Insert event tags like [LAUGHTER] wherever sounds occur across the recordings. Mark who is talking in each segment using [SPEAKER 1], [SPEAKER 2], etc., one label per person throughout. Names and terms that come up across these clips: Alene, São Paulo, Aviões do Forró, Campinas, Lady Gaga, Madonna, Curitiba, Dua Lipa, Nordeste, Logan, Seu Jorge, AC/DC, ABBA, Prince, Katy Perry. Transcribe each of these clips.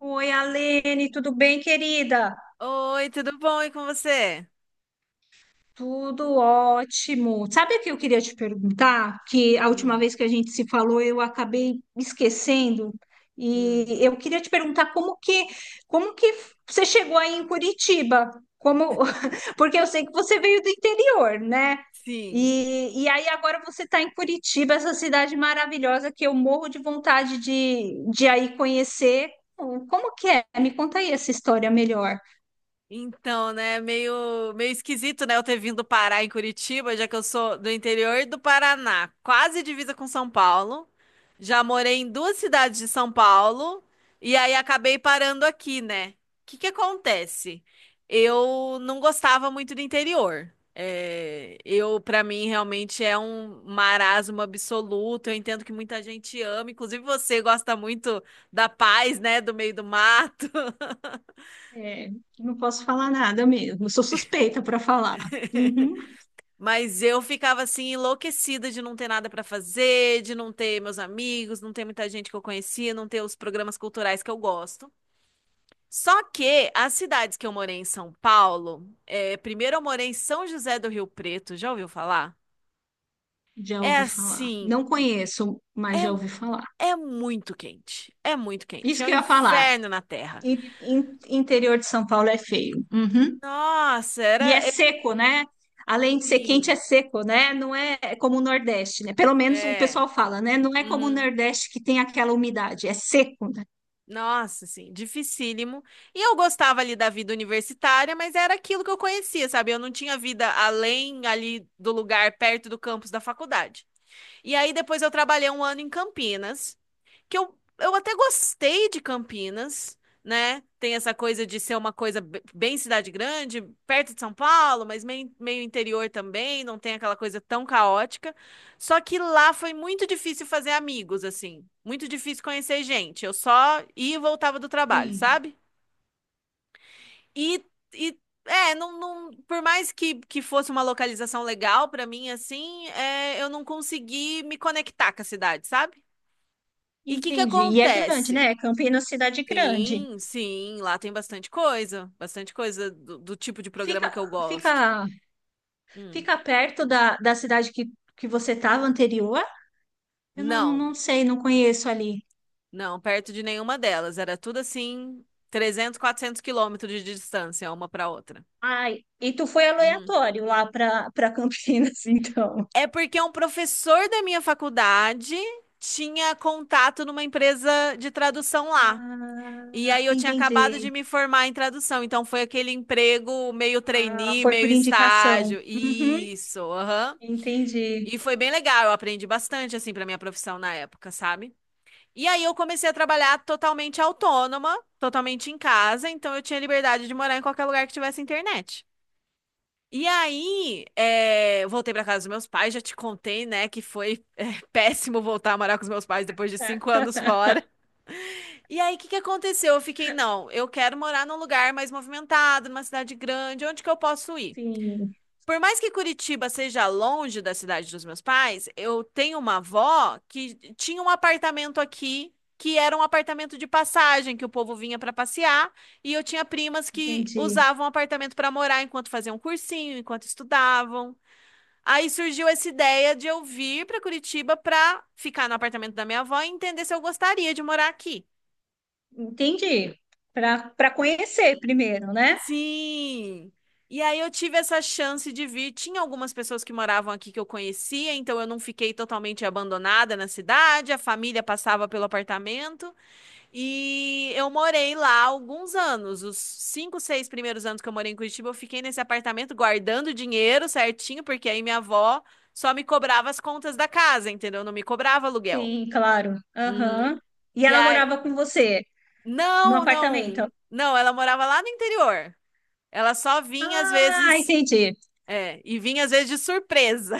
[SPEAKER 1] Oi, Alene, tudo bem, querida?
[SPEAKER 2] Oi, tudo bom? E com você?
[SPEAKER 1] Tudo ótimo. Sabe o que eu queria te perguntar? Que a última
[SPEAKER 2] Hum,
[SPEAKER 1] vez que a gente se falou, eu acabei esquecendo.
[SPEAKER 2] hum.
[SPEAKER 1] E eu queria te perguntar como que você chegou aí em Curitiba? Como, [LAUGHS] porque eu sei que você veio do interior, né?
[SPEAKER 2] Sim.
[SPEAKER 1] E aí agora você está em Curitiba, essa cidade maravilhosa que eu morro de vontade de aí conhecer. Como que é? Me conta aí essa história melhor.
[SPEAKER 2] Então, né, meio, meio esquisito, né, eu ter vindo parar em Curitiba, já que eu sou do interior do Paraná, quase divisa com São Paulo. Já morei em duas cidades de São Paulo e aí acabei parando aqui, né? O que que acontece? Eu não gostava muito do interior. É, eu, para mim, realmente é um marasmo absoluto. Eu entendo que muita gente ama, inclusive você gosta muito da paz, né, do meio do mato.
[SPEAKER 1] É, não posso falar nada mesmo. Eu sou suspeita para falar. Uhum,
[SPEAKER 2] [LAUGHS] Mas eu ficava assim enlouquecida de não ter nada pra fazer, de não ter meus amigos, não ter muita gente que eu conhecia, não ter os programas culturais que eu gosto. Só que as cidades que eu morei em São Paulo, é, primeiro eu morei em São José do Rio Preto, já ouviu falar?
[SPEAKER 1] já
[SPEAKER 2] É
[SPEAKER 1] ouvi falar.
[SPEAKER 2] assim,
[SPEAKER 1] Não conheço, mas já ouvi
[SPEAKER 2] é,
[SPEAKER 1] falar.
[SPEAKER 2] é muito quente, é muito quente,
[SPEAKER 1] Isso
[SPEAKER 2] é um
[SPEAKER 1] que eu ia falar.
[SPEAKER 2] inferno na terra.
[SPEAKER 1] Interior de São Paulo é feio. Uhum.
[SPEAKER 2] Nossa,
[SPEAKER 1] E é
[SPEAKER 2] era é
[SPEAKER 1] seco, né? Além de ser quente, é
[SPEAKER 2] assim,
[SPEAKER 1] seco, né? Não é como o Nordeste, né? Pelo menos o
[SPEAKER 2] é.
[SPEAKER 1] pessoal fala, né? Não é como o
[SPEAKER 2] Uhum.
[SPEAKER 1] Nordeste que tem aquela umidade. É seco, né?
[SPEAKER 2] Nossa, assim, dificílimo. E eu gostava ali da vida universitária, mas era aquilo que eu conhecia, sabe? Eu não tinha vida além ali do lugar perto do campus da faculdade. E aí depois eu trabalhei um ano em Campinas que eu até gostei de Campinas, né? Tem essa coisa de ser uma coisa bem cidade grande, perto de São Paulo, mas meio, meio interior também, não tem aquela coisa tão caótica. Só que lá foi muito difícil fazer amigos, assim. Muito difícil conhecer gente. Eu só ia e voltava do trabalho,
[SPEAKER 1] Sim,
[SPEAKER 2] sabe? E, e é, não, não, por mais que fosse uma localização legal pra mim, assim, é, eu não consegui me conectar com a cidade, sabe? E o que que
[SPEAKER 1] entendi. E é grande,
[SPEAKER 2] acontece?
[SPEAKER 1] né? Campinas, cidade grande.
[SPEAKER 2] Sim, sim, lá tem bastante coisa do tipo de programa
[SPEAKER 1] Fica,
[SPEAKER 2] que eu gosto.
[SPEAKER 1] fica
[SPEAKER 2] Hum.
[SPEAKER 1] Fica perto da cidade que você estava anterior? Eu não,
[SPEAKER 2] Não,
[SPEAKER 1] não sei, não conheço ali.
[SPEAKER 2] não, perto de nenhuma delas, era tudo assim, 300 400 quilômetros de distância uma para outra.
[SPEAKER 1] Ai, e tu foi
[SPEAKER 2] Uhum.
[SPEAKER 1] aleatório lá para Campinas, [LAUGHS] então.
[SPEAKER 2] É porque um professor da minha faculdade tinha contato numa empresa de tradução lá. E
[SPEAKER 1] Ah,
[SPEAKER 2] aí eu tinha acabado de
[SPEAKER 1] entendi.
[SPEAKER 2] me formar em tradução, então foi aquele emprego meio
[SPEAKER 1] Ah,
[SPEAKER 2] trainee,
[SPEAKER 1] foi
[SPEAKER 2] meio
[SPEAKER 1] por indicação.
[SPEAKER 2] estágio.
[SPEAKER 1] Uhum,
[SPEAKER 2] Isso, aham.
[SPEAKER 1] entendi.
[SPEAKER 2] E foi bem legal, eu aprendi bastante assim para minha profissão na época, sabe? E aí eu comecei a trabalhar totalmente autônoma, totalmente em casa, então eu tinha liberdade de morar em qualquer lugar que tivesse internet. E aí, voltei para casa dos meus pais, já te contei, né, que foi [LAUGHS] péssimo voltar a morar com os meus pais depois de cinco
[SPEAKER 1] Ah,
[SPEAKER 2] anos fora. E aí, o que que aconteceu? Eu fiquei, não, eu quero morar num lugar mais movimentado, numa cidade grande, onde que eu posso ir?
[SPEAKER 1] sim,
[SPEAKER 2] Por mais que Curitiba seja longe da cidade dos meus pais, eu tenho uma avó que tinha um apartamento aqui, que era um apartamento de passagem, que o povo vinha para passear, e eu tinha primas que
[SPEAKER 1] entendi.
[SPEAKER 2] usavam o apartamento para morar enquanto faziam cursinho, enquanto estudavam. Aí surgiu essa ideia de eu vir para Curitiba para ficar no apartamento da minha avó e entender se eu gostaria de morar aqui.
[SPEAKER 1] Entendi. Para conhecer primeiro, né?
[SPEAKER 2] Sim! E aí eu tive essa chance de vir. Tinha algumas pessoas que moravam aqui que eu conhecia, então eu não fiquei totalmente abandonada na cidade. A família passava pelo apartamento e eu morei lá alguns anos. Os cinco, seis primeiros anos que eu morei em Curitiba, eu fiquei nesse apartamento guardando dinheiro certinho, porque aí minha avó só me cobrava as contas da casa, entendeu? Não me cobrava aluguel.
[SPEAKER 1] Sim, claro.
[SPEAKER 2] Uhum.
[SPEAKER 1] Aham. E
[SPEAKER 2] E
[SPEAKER 1] ela
[SPEAKER 2] aí,
[SPEAKER 1] morava com você no
[SPEAKER 2] não, não,
[SPEAKER 1] apartamento?
[SPEAKER 2] não, ela morava lá no interior. Ela só vinha às
[SPEAKER 1] Ah,
[SPEAKER 2] vezes,
[SPEAKER 1] entendi.
[SPEAKER 2] e vinha às vezes de surpresa.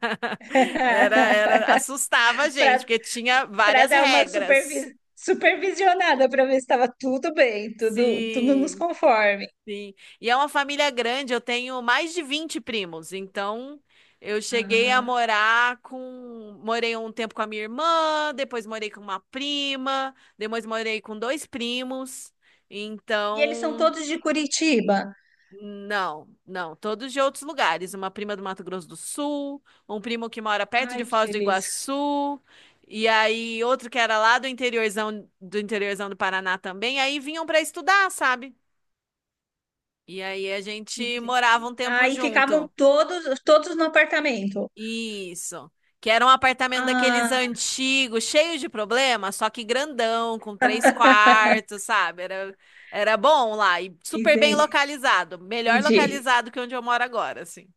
[SPEAKER 2] [LAUGHS]
[SPEAKER 1] [LAUGHS]
[SPEAKER 2] Assustava a gente,
[SPEAKER 1] Para
[SPEAKER 2] porque tinha
[SPEAKER 1] para
[SPEAKER 2] várias
[SPEAKER 1] dar uma
[SPEAKER 2] regras.
[SPEAKER 1] supervisionada para ver se estava tudo bem, tudo nos
[SPEAKER 2] Sim,
[SPEAKER 1] conforme.
[SPEAKER 2] sim. E é uma família grande, eu tenho mais de 20 primos, então eu cheguei a
[SPEAKER 1] Ah,
[SPEAKER 2] morar com, morei um tempo com a minha irmã, depois morei com uma prima, depois morei com dois primos.
[SPEAKER 1] e eles são
[SPEAKER 2] Então,
[SPEAKER 1] todos de Curitiba.
[SPEAKER 2] não, não, todos de outros lugares. Uma prima do Mato Grosso do Sul, um primo que mora perto de
[SPEAKER 1] Ai, que
[SPEAKER 2] Foz do
[SPEAKER 1] beleza.
[SPEAKER 2] Iguaçu, e aí outro que era lá do interiorzão do interiorzão do Paraná também. Aí vinham para estudar, sabe? E aí a gente
[SPEAKER 1] Ente-
[SPEAKER 2] morava um tempo
[SPEAKER 1] Aí ficavam
[SPEAKER 2] junto.
[SPEAKER 1] todos no apartamento.
[SPEAKER 2] Isso. Que era um apartamento daqueles
[SPEAKER 1] Ah,
[SPEAKER 2] antigos, cheio de problema, só que grandão, com três quartos, sabe? Era bom lá e super bem
[SPEAKER 1] ente-
[SPEAKER 2] localizado. Melhor
[SPEAKER 1] Entendi.
[SPEAKER 2] localizado que onde eu moro agora, assim.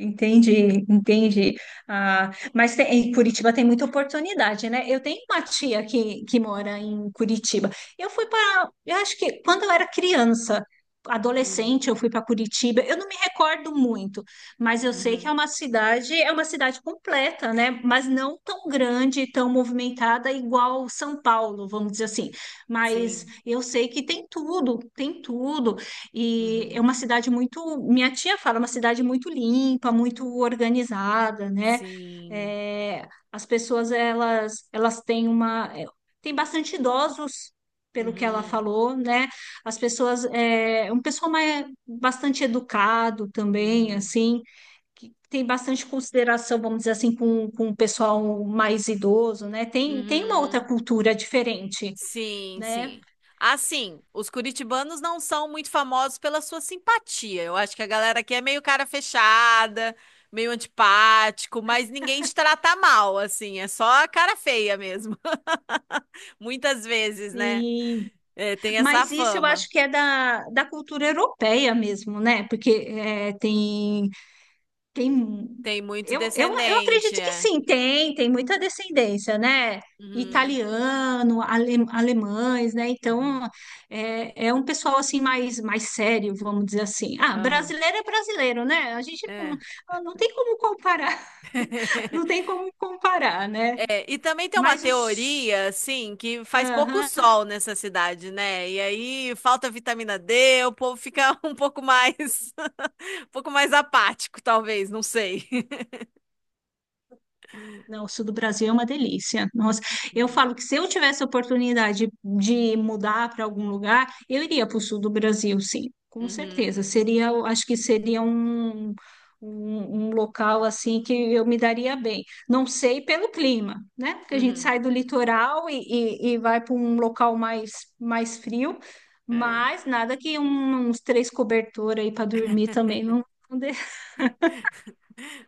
[SPEAKER 1] Entendi, entendi. Ah, mas em Curitiba tem muita oportunidade, né? Eu tenho uma tia que mora em Curitiba. Eu fui para, eu acho que quando eu era criança, adolescente, eu fui para Curitiba. Eu não me recordo muito, mas eu sei que
[SPEAKER 2] Uhum.
[SPEAKER 1] é uma cidade completa, né? Mas não tão grande, tão movimentada igual São Paulo, vamos dizer assim. Mas
[SPEAKER 2] Sim.
[SPEAKER 1] eu sei que tem tudo, tem tudo. E é
[SPEAKER 2] Uhum.
[SPEAKER 1] uma cidade muito, minha tia fala, é uma cidade muito limpa, muito organizada, né?
[SPEAKER 2] Sim.
[SPEAKER 1] É, as pessoas elas têm uma é, tem bastante idosos, pelo que ela
[SPEAKER 2] Uhum.
[SPEAKER 1] falou, né? As pessoas é um pessoal mais bastante educado também,
[SPEAKER 2] Uhum.
[SPEAKER 1] assim, que tem bastante consideração, vamos dizer assim, com o pessoal mais idoso, né? Tem uma outra
[SPEAKER 2] Uhum.
[SPEAKER 1] cultura diferente,
[SPEAKER 2] Sim,
[SPEAKER 1] né?
[SPEAKER 2] sim. Assim, os curitibanos não são muito famosos pela sua simpatia. Eu acho que a galera aqui é meio cara fechada, meio antipático, mas ninguém te trata mal, assim. É só a cara feia mesmo. [LAUGHS] Muitas vezes, né?
[SPEAKER 1] Sim.
[SPEAKER 2] É, tem essa
[SPEAKER 1] Mas isso eu
[SPEAKER 2] fama.
[SPEAKER 1] acho que é da cultura europeia mesmo, né? Porque tem
[SPEAKER 2] Tem muito
[SPEAKER 1] eu
[SPEAKER 2] descendente,
[SPEAKER 1] acredito que
[SPEAKER 2] é.
[SPEAKER 1] sim, tem muita descendência, né?
[SPEAKER 2] Uhum.
[SPEAKER 1] Alemães, né?
[SPEAKER 2] Uhum.
[SPEAKER 1] Então é, é um pessoal assim mais sério, vamos dizer assim. Ah,
[SPEAKER 2] Aham.
[SPEAKER 1] brasileiro é brasileiro, né? A gente não,
[SPEAKER 2] É.
[SPEAKER 1] ah, não tem como comparar, [LAUGHS] não
[SPEAKER 2] [LAUGHS]
[SPEAKER 1] tem como comparar, né?
[SPEAKER 2] É, e também tem uma
[SPEAKER 1] Mas os,
[SPEAKER 2] teoria, assim, que faz pouco
[SPEAKER 1] Aham.
[SPEAKER 2] sol nessa cidade, né? E aí falta vitamina D, o povo fica [LAUGHS] um pouco mais, [LAUGHS] um pouco mais apático, talvez, não sei.
[SPEAKER 1] Não, o sul do Brasil é uma delícia. Nossa, eu
[SPEAKER 2] Uhum,
[SPEAKER 1] falo que se eu tivesse a oportunidade de mudar para algum lugar, eu iria para o sul do Brasil, sim, com
[SPEAKER 2] uhum,
[SPEAKER 1] certeza. Seria, eu acho que seria um local assim que eu me daria bem. Não sei pelo clima, né? Porque a gente
[SPEAKER 2] uhum,
[SPEAKER 1] sai do litoral e vai para um local mais, mais frio,
[SPEAKER 2] é.
[SPEAKER 1] mas nada que uns três cobertores aí para dormir também não, não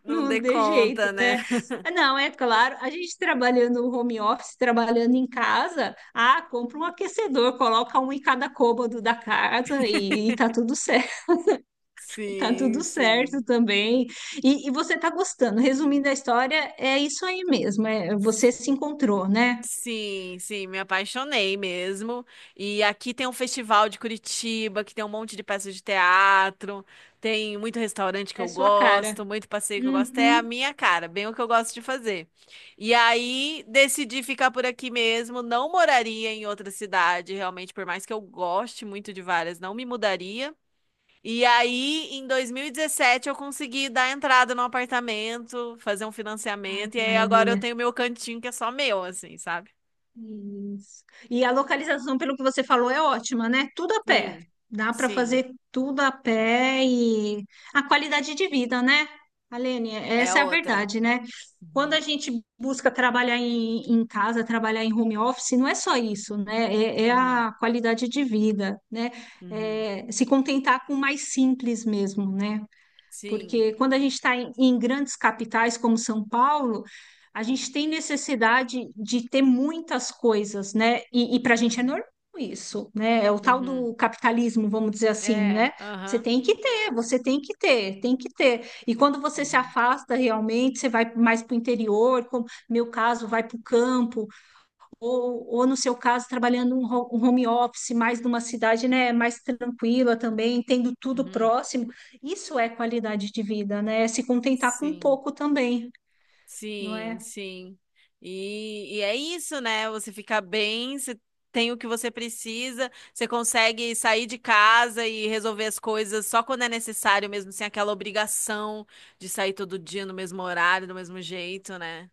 [SPEAKER 2] Não
[SPEAKER 1] não
[SPEAKER 2] dê
[SPEAKER 1] tem jeito,
[SPEAKER 2] conta, né?
[SPEAKER 1] né? Ah,
[SPEAKER 2] [LAUGHS]
[SPEAKER 1] não, é claro, a gente trabalhando home office, trabalhando em casa, ah, compra um aquecedor, coloca um em cada cômodo da casa e tá tudo certo, [LAUGHS] tá
[SPEAKER 2] Sim,
[SPEAKER 1] tudo certo
[SPEAKER 2] sim.
[SPEAKER 1] também. E você tá gostando. Resumindo a história, é isso aí mesmo, é, você se encontrou, né?
[SPEAKER 2] Sim, sim, me apaixonei mesmo. E aqui tem um festival de Curitiba, que tem um monte de peças de teatro, tem muito restaurante que
[SPEAKER 1] É
[SPEAKER 2] eu
[SPEAKER 1] a sua cara.
[SPEAKER 2] gosto, muito passeio que eu gosto. É a
[SPEAKER 1] Uhum.
[SPEAKER 2] minha cara, bem o que eu gosto de fazer. E aí decidi ficar por aqui mesmo, não moraria em outra cidade, realmente, por mais que eu goste muito de várias, não me mudaria. E aí, em 2017, eu consegui dar entrada no apartamento, fazer um
[SPEAKER 1] Ai,
[SPEAKER 2] financiamento, e
[SPEAKER 1] que
[SPEAKER 2] aí agora eu
[SPEAKER 1] maravilha.
[SPEAKER 2] tenho meu cantinho que é só meu, assim, sabe?
[SPEAKER 1] Isso. E a localização, pelo que você falou, é ótima, né? Tudo a pé.
[SPEAKER 2] Sim,
[SPEAKER 1] Dá para
[SPEAKER 2] sim,
[SPEAKER 1] fazer tudo a pé e a qualidade de vida, né? Alene,
[SPEAKER 2] é
[SPEAKER 1] essa é a
[SPEAKER 2] outra.
[SPEAKER 1] verdade, né? Quando
[SPEAKER 2] Uhum,
[SPEAKER 1] a gente busca trabalhar em casa, trabalhar em home office, não é só isso, né? É, é
[SPEAKER 2] uhum,
[SPEAKER 1] a qualidade de vida, né?
[SPEAKER 2] uhum,
[SPEAKER 1] É se contentar com o mais simples mesmo, né?
[SPEAKER 2] sim,
[SPEAKER 1] Porque quando a gente está em grandes capitais como São Paulo, a gente tem necessidade de ter muitas coisas, né? E para a gente é normal isso, né? É o tal
[SPEAKER 2] uhum,
[SPEAKER 1] do capitalismo, vamos dizer assim,
[SPEAKER 2] é,
[SPEAKER 1] né? Você
[SPEAKER 2] aham,
[SPEAKER 1] tem que ter, você tem que ter, tem que ter. E quando você se
[SPEAKER 2] uhum,
[SPEAKER 1] afasta realmente, você vai mais para o interior, como meu caso, vai para o campo, ou no seu caso, trabalhando um home office, mais numa cidade, né, mais tranquila também, tendo tudo
[SPEAKER 2] uhum,
[SPEAKER 1] próximo, isso é qualidade de vida, né? É se contentar com
[SPEAKER 2] sim,
[SPEAKER 1] pouco também, não
[SPEAKER 2] sim,
[SPEAKER 1] é?
[SPEAKER 2] sim. E é isso, né? Você fica bem, você tem o que você precisa, você consegue sair de casa e resolver as coisas só quando é necessário mesmo, sem aquela obrigação de sair todo dia no mesmo horário, do mesmo jeito, né?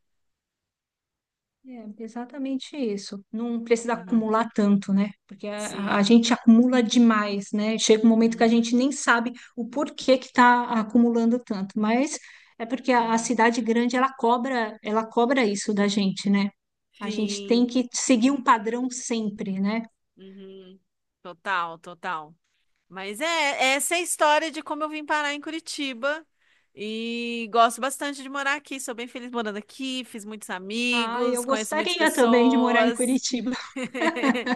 [SPEAKER 1] É exatamente isso. Não precisa
[SPEAKER 2] Uhum,
[SPEAKER 1] acumular tanto, né? Porque a
[SPEAKER 2] sim,
[SPEAKER 1] gente acumula demais, né? Chega um momento que a
[SPEAKER 2] uhum,
[SPEAKER 1] gente nem sabe o porquê que está acumulando tanto, mas é porque a
[SPEAKER 2] uhum.
[SPEAKER 1] cidade grande ela cobra isso da gente, né? A gente tem
[SPEAKER 2] Sim.
[SPEAKER 1] que seguir um padrão sempre, né?
[SPEAKER 2] Uhum. Total, total. Mas é essa é a história de como eu vim parar em Curitiba. E gosto bastante de morar aqui. Sou bem feliz morando aqui. Fiz muitos
[SPEAKER 1] Ah,
[SPEAKER 2] amigos,
[SPEAKER 1] eu
[SPEAKER 2] conheço muitas
[SPEAKER 1] gostaria também de morar em
[SPEAKER 2] pessoas.
[SPEAKER 1] Curitiba,
[SPEAKER 2] [LAUGHS]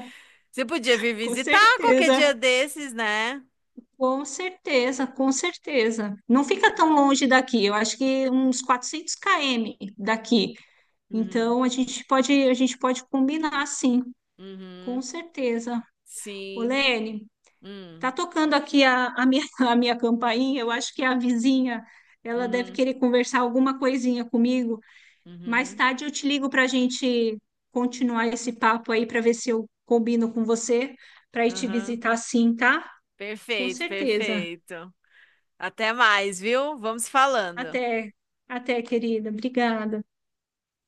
[SPEAKER 2] Você podia vir
[SPEAKER 1] [LAUGHS] com
[SPEAKER 2] visitar qualquer dia
[SPEAKER 1] certeza.
[SPEAKER 2] desses, né?
[SPEAKER 1] Com certeza. Não fica tão longe daqui, eu acho que uns 400 km daqui.
[SPEAKER 2] Uhum,
[SPEAKER 1] Então, a gente pode combinar, sim, com
[SPEAKER 2] uhum,
[SPEAKER 1] certeza.
[SPEAKER 2] sim.
[SPEAKER 1] Olene,
[SPEAKER 2] Hum,
[SPEAKER 1] tá tocando aqui [LAUGHS] a minha campainha, eu acho que é a vizinha, ela deve
[SPEAKER 2] uhum,
[SPEAKER 1] querer conversar alguma coisinha comigo. Mais
[SPEAKER 2] uhum,
[SPEAKER 1] tarde eu te ligo para a gente continuar esse papo aí, para ver se eu combino com você, para ir te
[SPEAKER 2] uhum.
[SPEAKER 1] visitar, sim, tá? Com
[SPEAKER 2] Perfeito,
[SPEAKER 1] certeza.
[SPEAKER 2] perfeito. Até mais, viu? Vamos falando.
[SPEAKER 1] Até, até, querida. Obrigada.